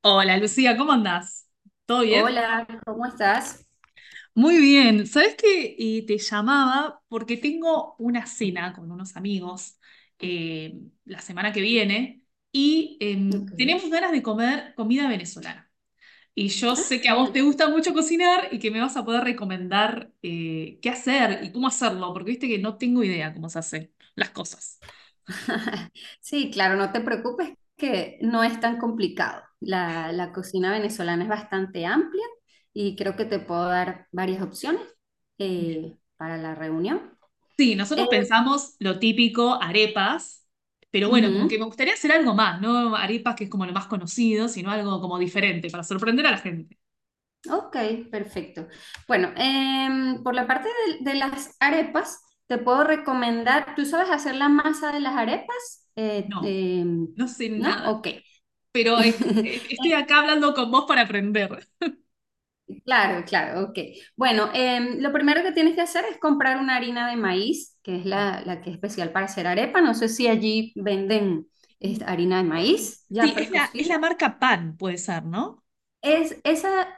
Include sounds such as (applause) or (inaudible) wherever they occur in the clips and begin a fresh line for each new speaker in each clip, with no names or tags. Hola Lucía, ¿cómo andás? ¿Todo bien?
Hola, ¿cómo estás?
Muy bien. ¿Sabés qué? Te llamaba porque tengo una cena con unos amigos la semana que viene y
Ok,
tenemos ganas de comer comida venezolana. Y yo sé que a vos
genial.
te gusta mucho cocinar y que me vas a poder recomendar qué hacer y cómo hacerlo, porque viste que no tengo idea cómo se hacen las cosas.
(laughs) Sí, claro, no te preocupes que no es tan complicado. La cocina venezolana es bastante amplia y creo que te puedo dar varias opciones para la reunión.
Sí, nosotros
Eh,
pensamos lo típico, arepas, pero bueno, como que
ujú,
me gustaría hacer algo más, no arepas que es como lo más conocido, sino algo como diferente para sorprender a la gente.
ok, perfecto. Bueno, por la parte de las arepas, te puedo recomendar, ¿tú sabes hacer la masa de las arepas?
No, no sé
¿No?
nada,
Ok.
pero estoy
(laughs)
acá hablando con vos para aprender.
Claro, claro, ok. Bueno, lo primero que tienes que hacer es comprar una harina de maíz, que es
Sí,
la que es especial para hacer arepa. No sé si allí venden esta harina de maíz ya
sí, es la, es
precocida.
la marca Pan, puede ser, ¿no?
Esa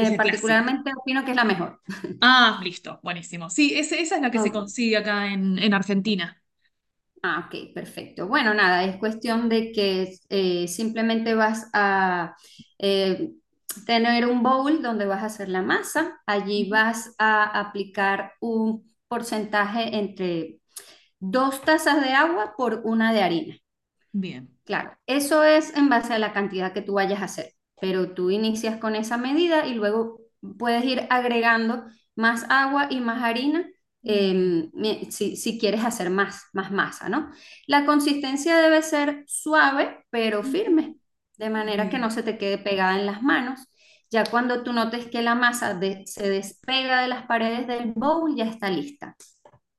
Es la clásica.
particularmente opino que es la mejor.
Ah, listo, buenísimo. Sí, esa es la que se
Oh,
consigue acá en Argentina.
ah, ok, perfecto. Bueno, nada, es cuestión de que simplemente vas a eh, tener un bowl donde vas a hacer la masa. Allí
Ujú.
vas a aplicar un porcentaje entre 2 tazas de agua por una de harina.
Bien,
Claro, eso es en base a la cantidad que tú vayas a hacer, pero tú inicias con esa medida y luego puedes ir agregando más agua y más harina
bien.
eh, si quieres hacer más, más masa, ¿no? La consistencia debe ser suave pero
Ujú.
firme, de manera que no
Bien,
se te quede pegada en las manos. Ya cuando tú notes que la masa se despega de las paredes del bowl, ya está lista.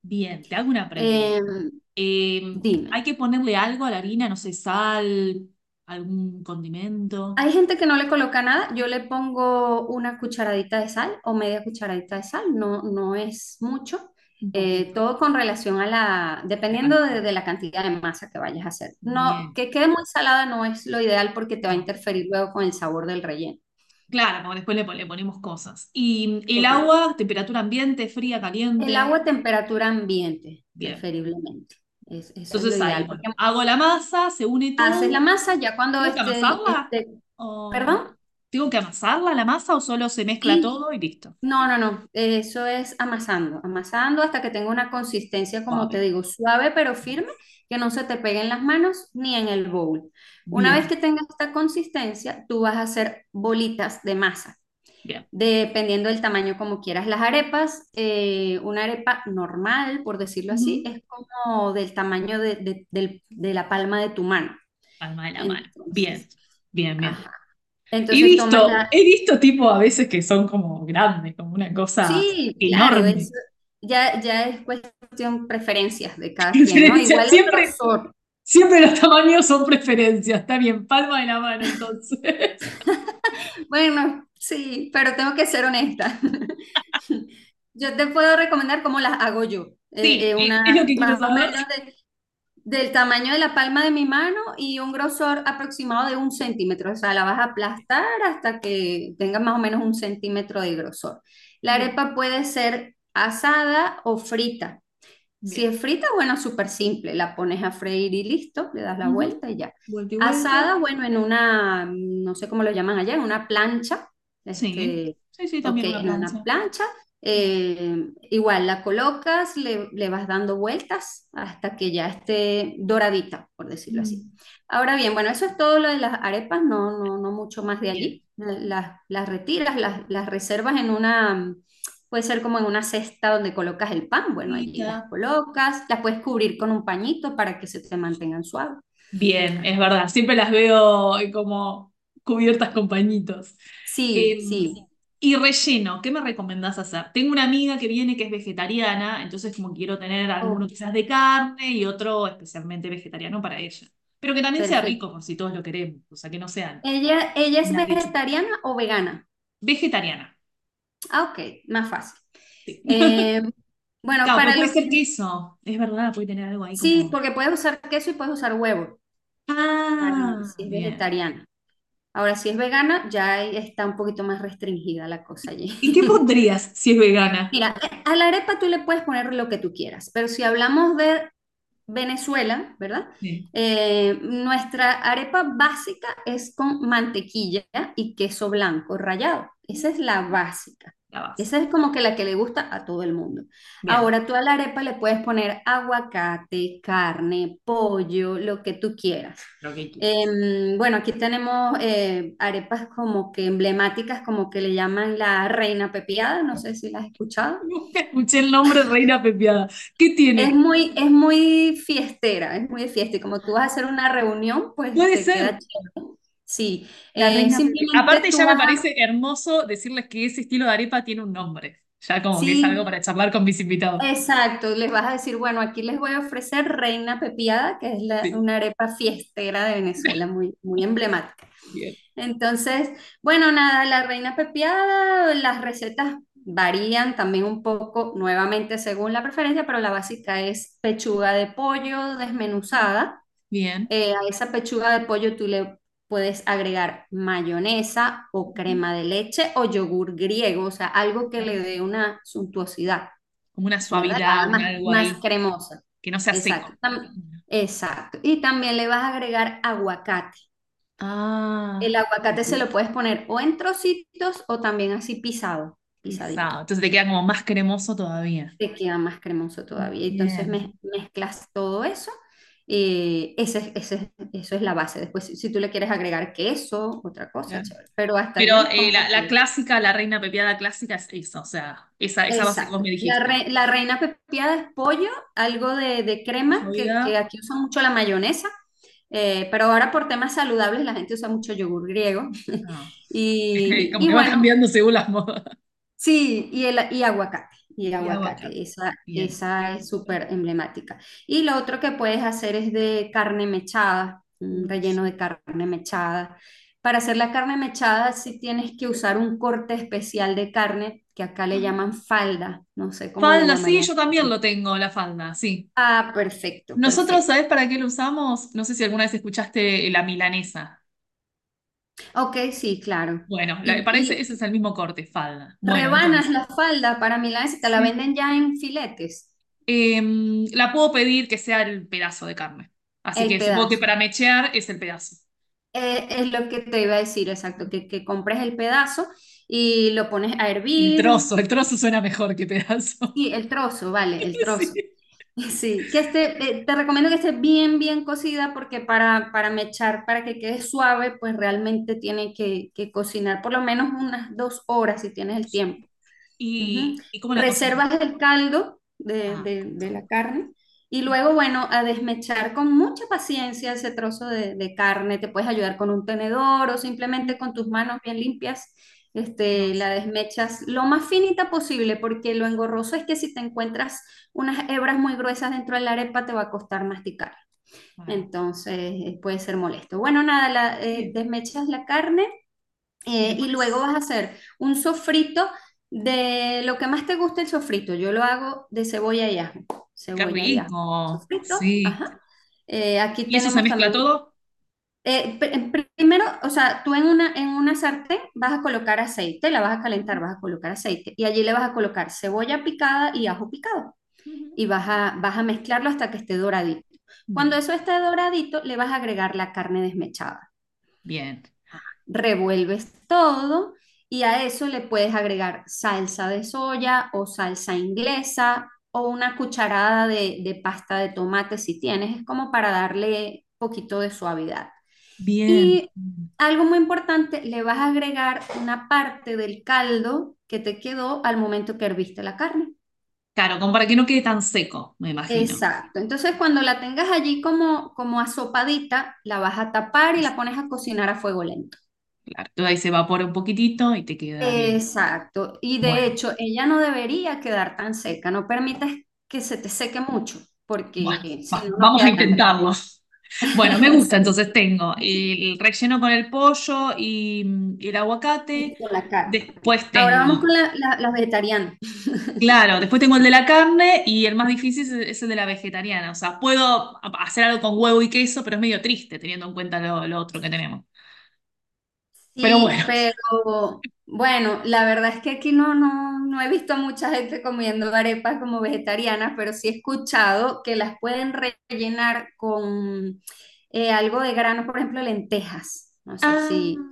bien. Te hago una
Eh,
pregunta.
dime.
Hay que ponerle algo a la harina, no sé, sal, algún condimento,
Hay gente que no le coloca nada, yo le pongo una cucharadita de sal o media cucharadita de sal, no, no es mucho.
un poquito,
Todo con relación a la,
la
dependiendo de,
cantidad.
de la cantidad de masa que vayas a hacer. No,
Bien,
que quede muy salada no es lo ideal porque te va a
no.
interferir luego con el sabor del relleno.
Claro, porque después le ponemos cosas. Y el
Correcto.
agua, temperatura ambiente, fría,
El agua
caliente.
a temperatura ambiente,
Bien.
preferiblemente. Eso es lo
Entonces ahí,
ideal,
bueno,
porque
hago la masa, se une
haces la
todo.
masa ya cuando
¿Tengo que
esté,
amasarla?
esté,
¿O
perdón,
tengo que amasarla la masa o solo se mezcla
sí.
todo y listo?
No, no, no, eso es amasando, amasando hasta que tenga una consistencia, como te
Suave.
digo, suave pero firme,
Nice.
que no se te pegue en las manos ni en el bowl. Una vez que
Bien,
tengas esta consistencia, tú vas a hacer bolitas de masa,
bien.
dependiendo del tamaño como quieras. Las arepas, una arepa normal, por decirlo así,
Ujú.
es como del tamaño de la palma de tu mano.
Palma de la mano. Bien,
Entonces,
bien,
ajá.
bien. He
Entonces tomas
visto,
la,
he visto tipo a veces que son como grandes, como una cosa
sí, claro,
enorme.
es, ya, ya es cuestión preferencias de
(laughs)
cada quien, ¿no?
Preferencia,
Igual el
siempre,
grosor.
siempre los tamaños son preferencias. Está bien, palma de la mano entonces. (laughs)
Bueno, sí, pero tengo que ser honesta. (laughs) Yo te puedo recomendar cómo las hago yo.
Sí, es lo
Una
que quiero
más o
saber.
menos del tamaño de la palma de mi mano y un grosor aproximado de un centímetro. O sea, la vas a aplastar hasta que tenga más o menos un centímetro de grosor. La
Bien,
arepa puede ser asada o frita. Si
bien.
es frita, bueno, súper simple, la pones a freír y listo, le das la
Ujú.
vuelta y ya.
Vuelta y vuelta.
Asada, bueno, en una, no sé cómo lo llaman allá, en una plancha,
Sí,
este,
sí, sí,
ok,
también una
en una
plancha.
plancha,
Mm,
igual la colocas, le vas dando vueltas hasta que ya esté doradita, por decirlo así.
mm.
Ahora bien, bueno, eso es todo lo de las arepas, no, no, no mucho más de
Bien.
allí. Las retiras, las reservas en una. Puede ser como en una cesta donde colocas el pan, bueno, allí las colocas, las puedes cubrir con un pañito para que se te mantengan suaves.
Bien, es verdad. Siempre las veo como cubiertas con pañitos. Eh,
Sí,
Sí,
sí.
sí. Y relleno, ¿qué me recomendás hacer? Tengo una amiga que viene que es vegetariana, entonces como quiero tener alguno
Oh,
quizás de carne y otro especialmente vegetariano para ella. Pero que también sea
perfecto.
rico por si todos lo queremos, o sea, que no sean
¿Ella es
unas lechugas.
vegetariana o vegana?
Vegetariana.
Ah, ok, más fácil. Eh, bueno,
Claro, porque
para
puede
los
ser
que...
queso, es verdad, puede tener algo ahí
Sí,
como...
porque puedes usar queso y puedes usar huevo, para-
Ah,
si es
bien.
vegetariana. Ahora, si es vegana, ya ahí está un poquito más restringida la cosa allí.
¿Y qué
(laughs)
pondrías si es vegana?
Mira, a la arepa tú le puedes poner lo que tú quieras, pero si hablamos de Venezuela, ¿verdad?
Sí.
Nuestra arepa básica es con mantequilla y queso blanco rallado. Esa es la básica.
La base.
Esa es como que la que le gusta a todo el mundo.
Bien.
Ahora tú a la arepa le puedes poner aguacate, carne, pollo, lo que tú quieras.
Lo que quieras.
Bueno, aquí tenemos arepas como que emblemáticas, como que le llaman la reina pepiada, no sé si las has
(laughs)
escuchado.
Nunca escuché el nombre Reina Pepiada. ¿Qué
Es
tiene?
muy, es muy fiestera, es muy de fiesta. Y como tú vas a hacer una reunión, pues
Puede
te
ser
queda chévere. Sí,
la Reina Pepeada.
simplemente
Aparte,
tú
ya me
vas a,
parece hermoso decirles que ese estilo de arepa tiene un nombre. Ya como que es algo
sí,
para charlar con mis invitados.
exacto, les vas a decir, bueno, aquí les voy a ofrecer reina pepiada, que es
Sí.
una arepa fiestera de Venezuela,
(laughs)
muy, muy emblemática.
Bien.
Entonces, bueno, nada, la reina pepiada, las recetas varían también un poco, nuevamente según la preferencia, pero la básica es pechuga de pollo desmenuzada.
Bien.
A esa pechuga de pollo tú le puedes agregar mayonesa o crema de leche o yogur griego, o sea, algo
Uy,
que
qué
le
rico.
dé una suntuosidad,
Como una
¿verdad?
suavidad,
La haga
un
más,
algo
más
ahí,
cremosa.
que no sea
Exacto.
seco.
Exacto. Y también le vas a agregar aguacate. El
Ah, qué
aguacate se lo
rico.
puedes poner o en trocitos o también así pisado, pisadito.
Pisado. Entonces te queda como más cremoso todavía.
Te queda más cremoso todavía. Entonces
Bien.
mezclas todo eso. Eso es la base. Después, si, si tú le quieres agregar queso, otra cosa,
Claro.
chévere. Pero hasta allí
Pero
es como
la
que...
clásica, la reina pepiada clásica es esa, o sea, esa base que vos
Exacto.
me
La,
dijiste.
re- la reina pepiada es pollo, algo de
De su
crema, que
vida,
aquí usan mucho la mayonesa, pero ahora por temas saludables la gente usa mucho yogur griego. (laughs)
ah, (laughs)
Y,
como
y
que va
bueno,
cambiando según las modas.
sí, y aguacate, y
Y
aguacate,
aguacate.
esa,
Bien.
esa es
Qué
súper
rico.
emblemática. Y lo otro que puedes hacer es de carne mechada, un
Uy,
relleno
sí.
de carne mechada. Para hacer la carne mechada sí tienes que usar un corte especial de carne, que acá le llaman
Ah,
falda, no sé cómo le
falda, sí,
llamarían.
yo también lo tengo, la falda, sí.
Ah, perfecto,
Nosotros,
perfecto.
¿sabés para qué lo usamos? No sé si alguna vez escuchaste la milanesa.
Ok, sí, claro.
Bueno,
Y,
parece,
y
ese es el mismo corte, falda. Bueno,
rebanas
entonces.
la falda para milanesa, te la
Sí.
venden ya en filetes,
Em, la puedo pedir que sea el pedazo de carne. Así
el
que supongo que para
pedazo.
mechear es el pedazo.
Es lo que te iba a decir, exacto, que compres el pedazo y lo pones a hervir.
El trozo suena mejor que pedazo.
Sí, el trozo, vale, el
(laughs)
trozo.
Sí.
(laughs) Sí, que esté, te recomiendo que esté bien, bien cocida porque para mechar, para que quede suave, pues realmente tiene que cocinar por lo menos unas 2 horas si tienes
No.
el tiempo. Ujú.
¿Y, y cómo la cocinas?
Reservas el caldo
Ah, con
de la
caldo.
carne y luego, bueno, a desmechar con mucha paciencia ese trozo de carne. Te puedes ayudar con un tenedor o simplemente con tus manos bien limpias.
Y
Este,
vas.
la desmechas lo más finita posible porque lo engorroso es que si te encuentras unas hebras muy gruesas dentro de la arepa te va a costar masticar.
Claro.
Entonces puede ser molesto. Bueno, nada, la,
Bien.
desmechas la carne
Le
y luego
pones...
vas a hacer un sofrito de lo que más te guste el sofrito. Yo lo hago de cebolla y ajo.
¡Qué
Cebolla y ajo.
rico!
Sofrito,
Sí.
ajá. Aquí
¿Y eso se
tenemos
mezcla
también,
todo?
eh, primero, o sea, tú en una sartén vas a colocar aceite, la vas a calentar, vas a colocar aceite y allí le vas a colocar cebolla picada y ajo picado
Ujú.
y vas a mezclarlo hasta que esté doradito. Cuando
Bien.
eso esté doradito, le vas a agregar la carne desmechada,
Bien.
revuelves todo y a eso le puedes agregar salsa de soya o salsa inglesa o una cucharada de pasta de tomate si tienes, es como para darle poquito de suavidad.
Bien.
Y algo muy importante, le vas a agregar una parte del caldo que te quedó al momento que herviste la carne.
Claro, como para que no quede tan seco, me imagino.
Exacto. Entonces, cuando la tengas allí como, asopadita, la vas a tapar y
Eso.
la pones a cocinar a fuego lento.
Claro, todo ahí se evapora un poquitito y te queda bien.
Exacto. Y de
Bueno,
hecho, ella no debería quedar tan seca. No permitas que se te seque mucho,
bueno,
porque si no, no
vamos a
queda tan rica.
intentarlo. Bueno, me gusta,
(laughs)
entonces tengo el relleno con el pollo y mm, el
Sí, y
aguacate.
con la carne.
Después
Ahora vamos
tengo,
con las vegetarianas.
claro, después tengo el de la carne y el más difícil es el de la vegetariana. O sea, puedo hacer algo con huevo y queso, pero es medio triste teniendo en cuenta lo otro que tenemos. Pero
Sí,
bueno. (laughs)
pero bueno, la verdad es que aquí no, no, no he visto mucha gente comiendo arepas como vegetarianas, pero sí he escuchado que las pueden rellenar con algo de grano, por ejemplo, lentejas. No sé
Ah,
si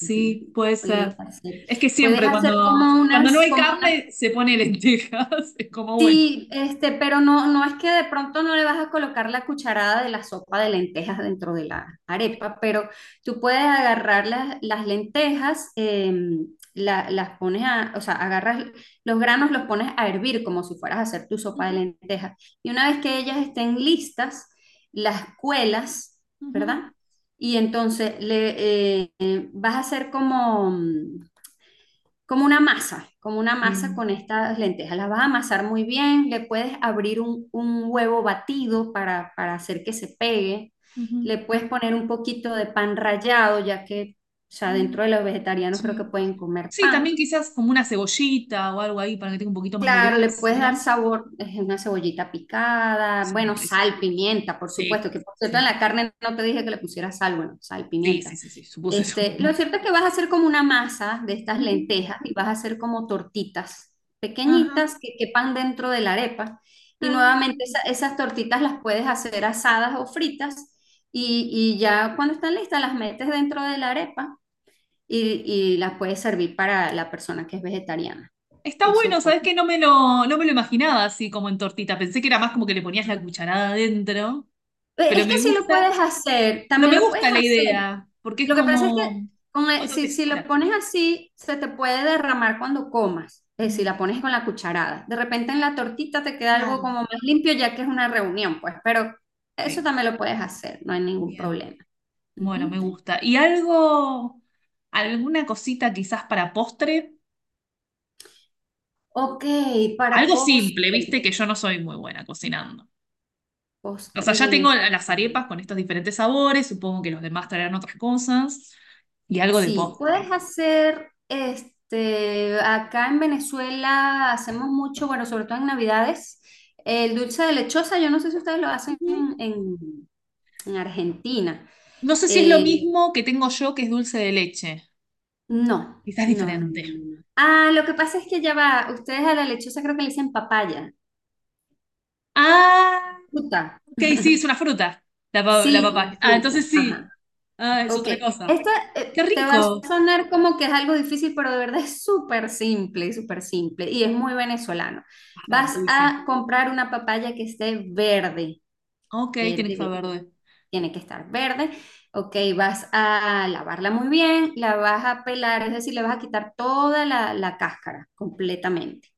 ujú,
puede ser.
puedes hacer.
Es que
Puedes
siempre
hacer como
cuando no
unas,
hay
como unas
carne se pone lentejas. (laughs) Es como bueno.
Sí, este, pero no, no es que de pronto no le vas a colocar la cucharada de la sopa de lentejas dentro de la arepa, pero tú puedes agarrar las lentejas, las pones a, o sea, agarras los granos, los pones a hervir como si fueras a hacer tu sopa de
Ujú,
lentejas. Y una vez que ellas estén listas, las cuelas,
ujú.
¿verdad? Y entonces le vas a hacer como, una masa, como una masa
Bien.
con estas lentejas. Las vas a amasar muy bien, le puedes abrir un huevo batido para hacer que se pegue,
Ujú.
le puedes poner un poquito de pan rallado, ya que, o sea, dentro
Mm,
de los vegetarianos creo que
sí.
pueden comer
Sí, también
pan.
quizás como una cebollita o algo ahí para que tenga un poquito más de
Claro, le puedes
gracia, ¿no?
dar sabor, una cebollita picada,
Sí, me
bueno,
parece.
sal, pimienta, por supuesto,
Sí,
que por cierto
sí,
en la
sí,
carne no te dije que le pusieras sal, bueno, sal,
sí, sí,
pimienta.
sí, sí, supuse eso.
Este, lo cierto es que vas a hacer como una masa de estas
Ujú.
lentejas y vas a hacer como tortitas
Ajá.
pequeñitas que quepan dentro de la arepa. Y
Ah.
nuevamente esas tortitas las puedes hacer asadas o fritas y ya cuando están listas las metes dentro de la arepa y las puedes servir para la persona que es vegetariana.
Está
Eso
bueno,
pues.
¿sabes que no me lo imaginaba así como en tortita? Pensé que era más como que le ponías la cucharada adentro, pero
Es que
me
sí lo
gusta,
puedes hacer,
pero
también
me
lo puedes
gusta la
hacer.
idea, porque es
Lo que pasa es que
como otra
si lo
textura.
pones así, se te puede derramar cuando comas, si la
Mm,
pones con la cucharada. De repente en la tortita te queda algo
claro.
como más limpio ya que es una reunión, pues, pero eso
Sí,
también lo puedes hacer, no hay ningún
bien.
problema.
Bueno,
Ujú.
me gusta. ¿Y algo, alguna cosita quizás para postre?
Ok, para
Algo simple,
postre,
viste que yo no soy muy buena cocinando. O sea,
postre
ya tengo las
venezolano.
arepas con estos diferentes sabores, supongo que los demás traerán otras cosas, y algo de
Sí, puedes
postre.
hacer, este, acá en Venezuela hacemos mucho, bueno, sobre todo en Navidades, el dulce de lechosa, yo no sé si ustedes lo hacen
Ujú.
en, en Argentina.
No sé si es lo
Eh,
mismo que tengo yo, que es dulce de leche.
no,
Quizás
no, no,
diferente.
no, no. No. Ah, lo que pasa es que ya va, ustedes a la lechosa creo que le dicen papaya,
Ah,
fruta.
ok, sí, es una fruta, la. Sí,
Sí, la
papaya. Ah, entonces
fruta, ajá.
sí. Ah, es
Ok,
otra cosa.
esta
Qué
te va a
rico.
sonar como que es algo difícil, pero de verdad es súper simple y es muy venezolano.
A ver,
Vas
uy, sí.
a comprar una papaya que esté verde,
Ok, tiene
verde,
que estar
verde.
verde.
Tiene que estar verde. Ok, vas a lavarla muy bien, la vas a pelar, es decir, le vas a quitar toda la, la cáscara completamente.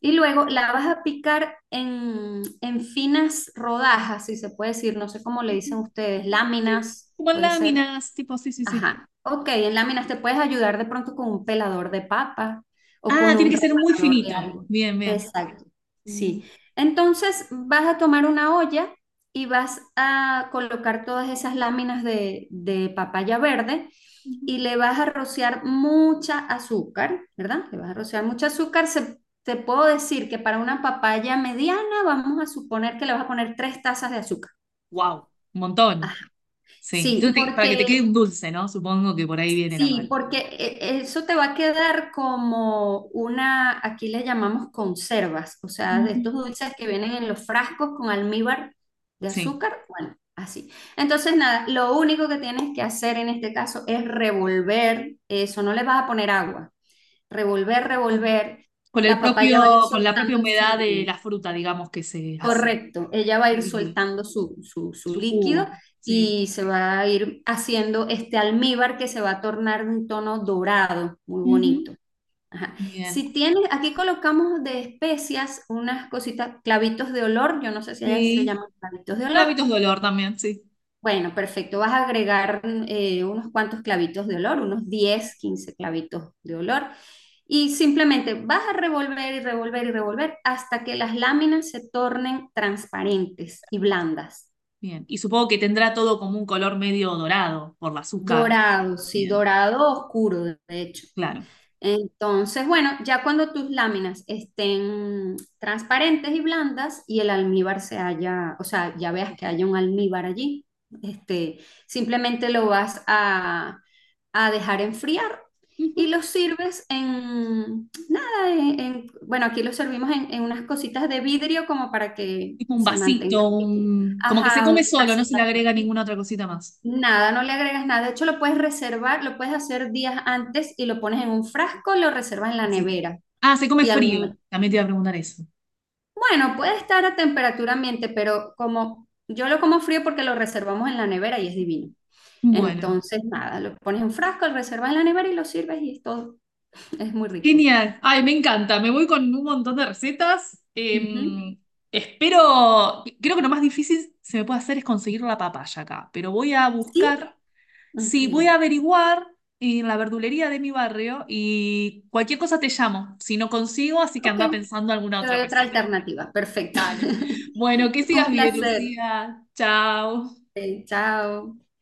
Y luego la vas a picar en, finas rodajas, si se puede decir, no sé cómo le dicen ustedes,
Sí,
láminas,
como en
puede ser.
láminas, tipo, sí, sí, sí.
Ajá. Ok, en láminas te puedes ayudar de pronto con un pelador de papa o
Ah,
con
tiene
un
que ser muy
remanador de
finito.
algo.
Bien, bien.
Exacto. Sí. Entonces vas a tomar una olla y vas a colocar todas esas láminas de, papaya verde y le vas a rociar mucha azúcar, ¿verdad? Le vas a rociar mucha azúcar. Te puedo decir que para una papaya mediana vamos a suponer que le vas a poner 3 tazas de azúcar.
Wow, un montón. Sí.
Sí,
Entonces, para que te
porque
quede un dulce, ¿no? Supongo que por ahí viene la
Sí,
mano.
porque eh, eso te va a quedar como una, aquí le llamamos conservas, o sea, de
Ujú.
estos dulces que vienen en los frascos con almíbar de
Sí.
azúcar, bueno, así. Entonces, nada, lo único que tienes que hacer en este caso es revolver eso, no le vas a poner agua, revolver, revolver,
Con el
la papaya va a
propio,
ir
con la propia
soltando.
humedad de la fruta, digamos, que se hace,
Correcto, ella va a
el
ir
líquido,
soltando su
su
líquido
jugo. Sí.
y se va a ir haciendo este almíbar que se va a tornar de un tono dorado, muy bonito.
Ujú.
Ajá.
Bien.
Si tienes, aquí colocamos de especias unas cositas, clavitos de olor, yo no sé si ellas se
Sí.
llaman clavitos de olor,
Clavitos de olor también, sí.
bueno, perfecto. Vas a agregar unos cuantos clavitos de olor, unos 10, 15 clavitos de olor. Y simplemente vas a revolver y revolver y revolver hasta que las láminas se tornen transparentes y
Bueno,
blandas.
bien. Y supongo que tendrá todo como un color medio dorado por el azúcar.
Dorado, sí,
Bien,
dorado oscuro, de hecho.
claro.
Entonces, bueno, ya cuando tus láminas estén transparentes y blandas y el almíbar se haya, o sea, ya veas que haya un almíbar allí, este, simplemente lo vas a dejar enfriar
Ujú.
y lo sirves en, nada, en, bueno, aquí lo servimos en, unas cositas de vidrio como para que
Tipo un
se mantenga.
vasito, un- como que se
Ajá,
come
unas
solo, no se le
tacitas.
agrega ninguna otra cosita más.
Nada, no le agregas nada. De hecho, lo puedes reservar, lo puedes hacer días antes y lo pones en un frasco, lo reservas en la
Así.
nevera.
Ah, se come
Y al
frío.
momento,
También te iba a preguntar eso.
bueno, puede estar a temperatura ambiente, pero como yo lo como frío porque lo reservamos en la nevera y es divino.
Bueno,
Entonces, nada, lo pones en un frasco, lo reservas en la nevera y lo sirves y es todo. Es muy rico.
genial. Ay, me encanta. Me voy con un montón de recetas.
Ujú.
Espero, creo que lo más difícil se me puede hacer es conseguir la papaya acá, pero voy a
Sí,
buscar,
ok.
sí, voy a averiguar en la verdulería de mi barrio y cualquier cosa te llamo, si no consigo, así que
Ok,
anda pensando alguna
te
otra
doy otra
receta.
alternativa. Perfecto.
Dale. Bueno, que
(laughs)
sigas
Un
bien,
placer.
Lucía. Chao.
Ok, chao.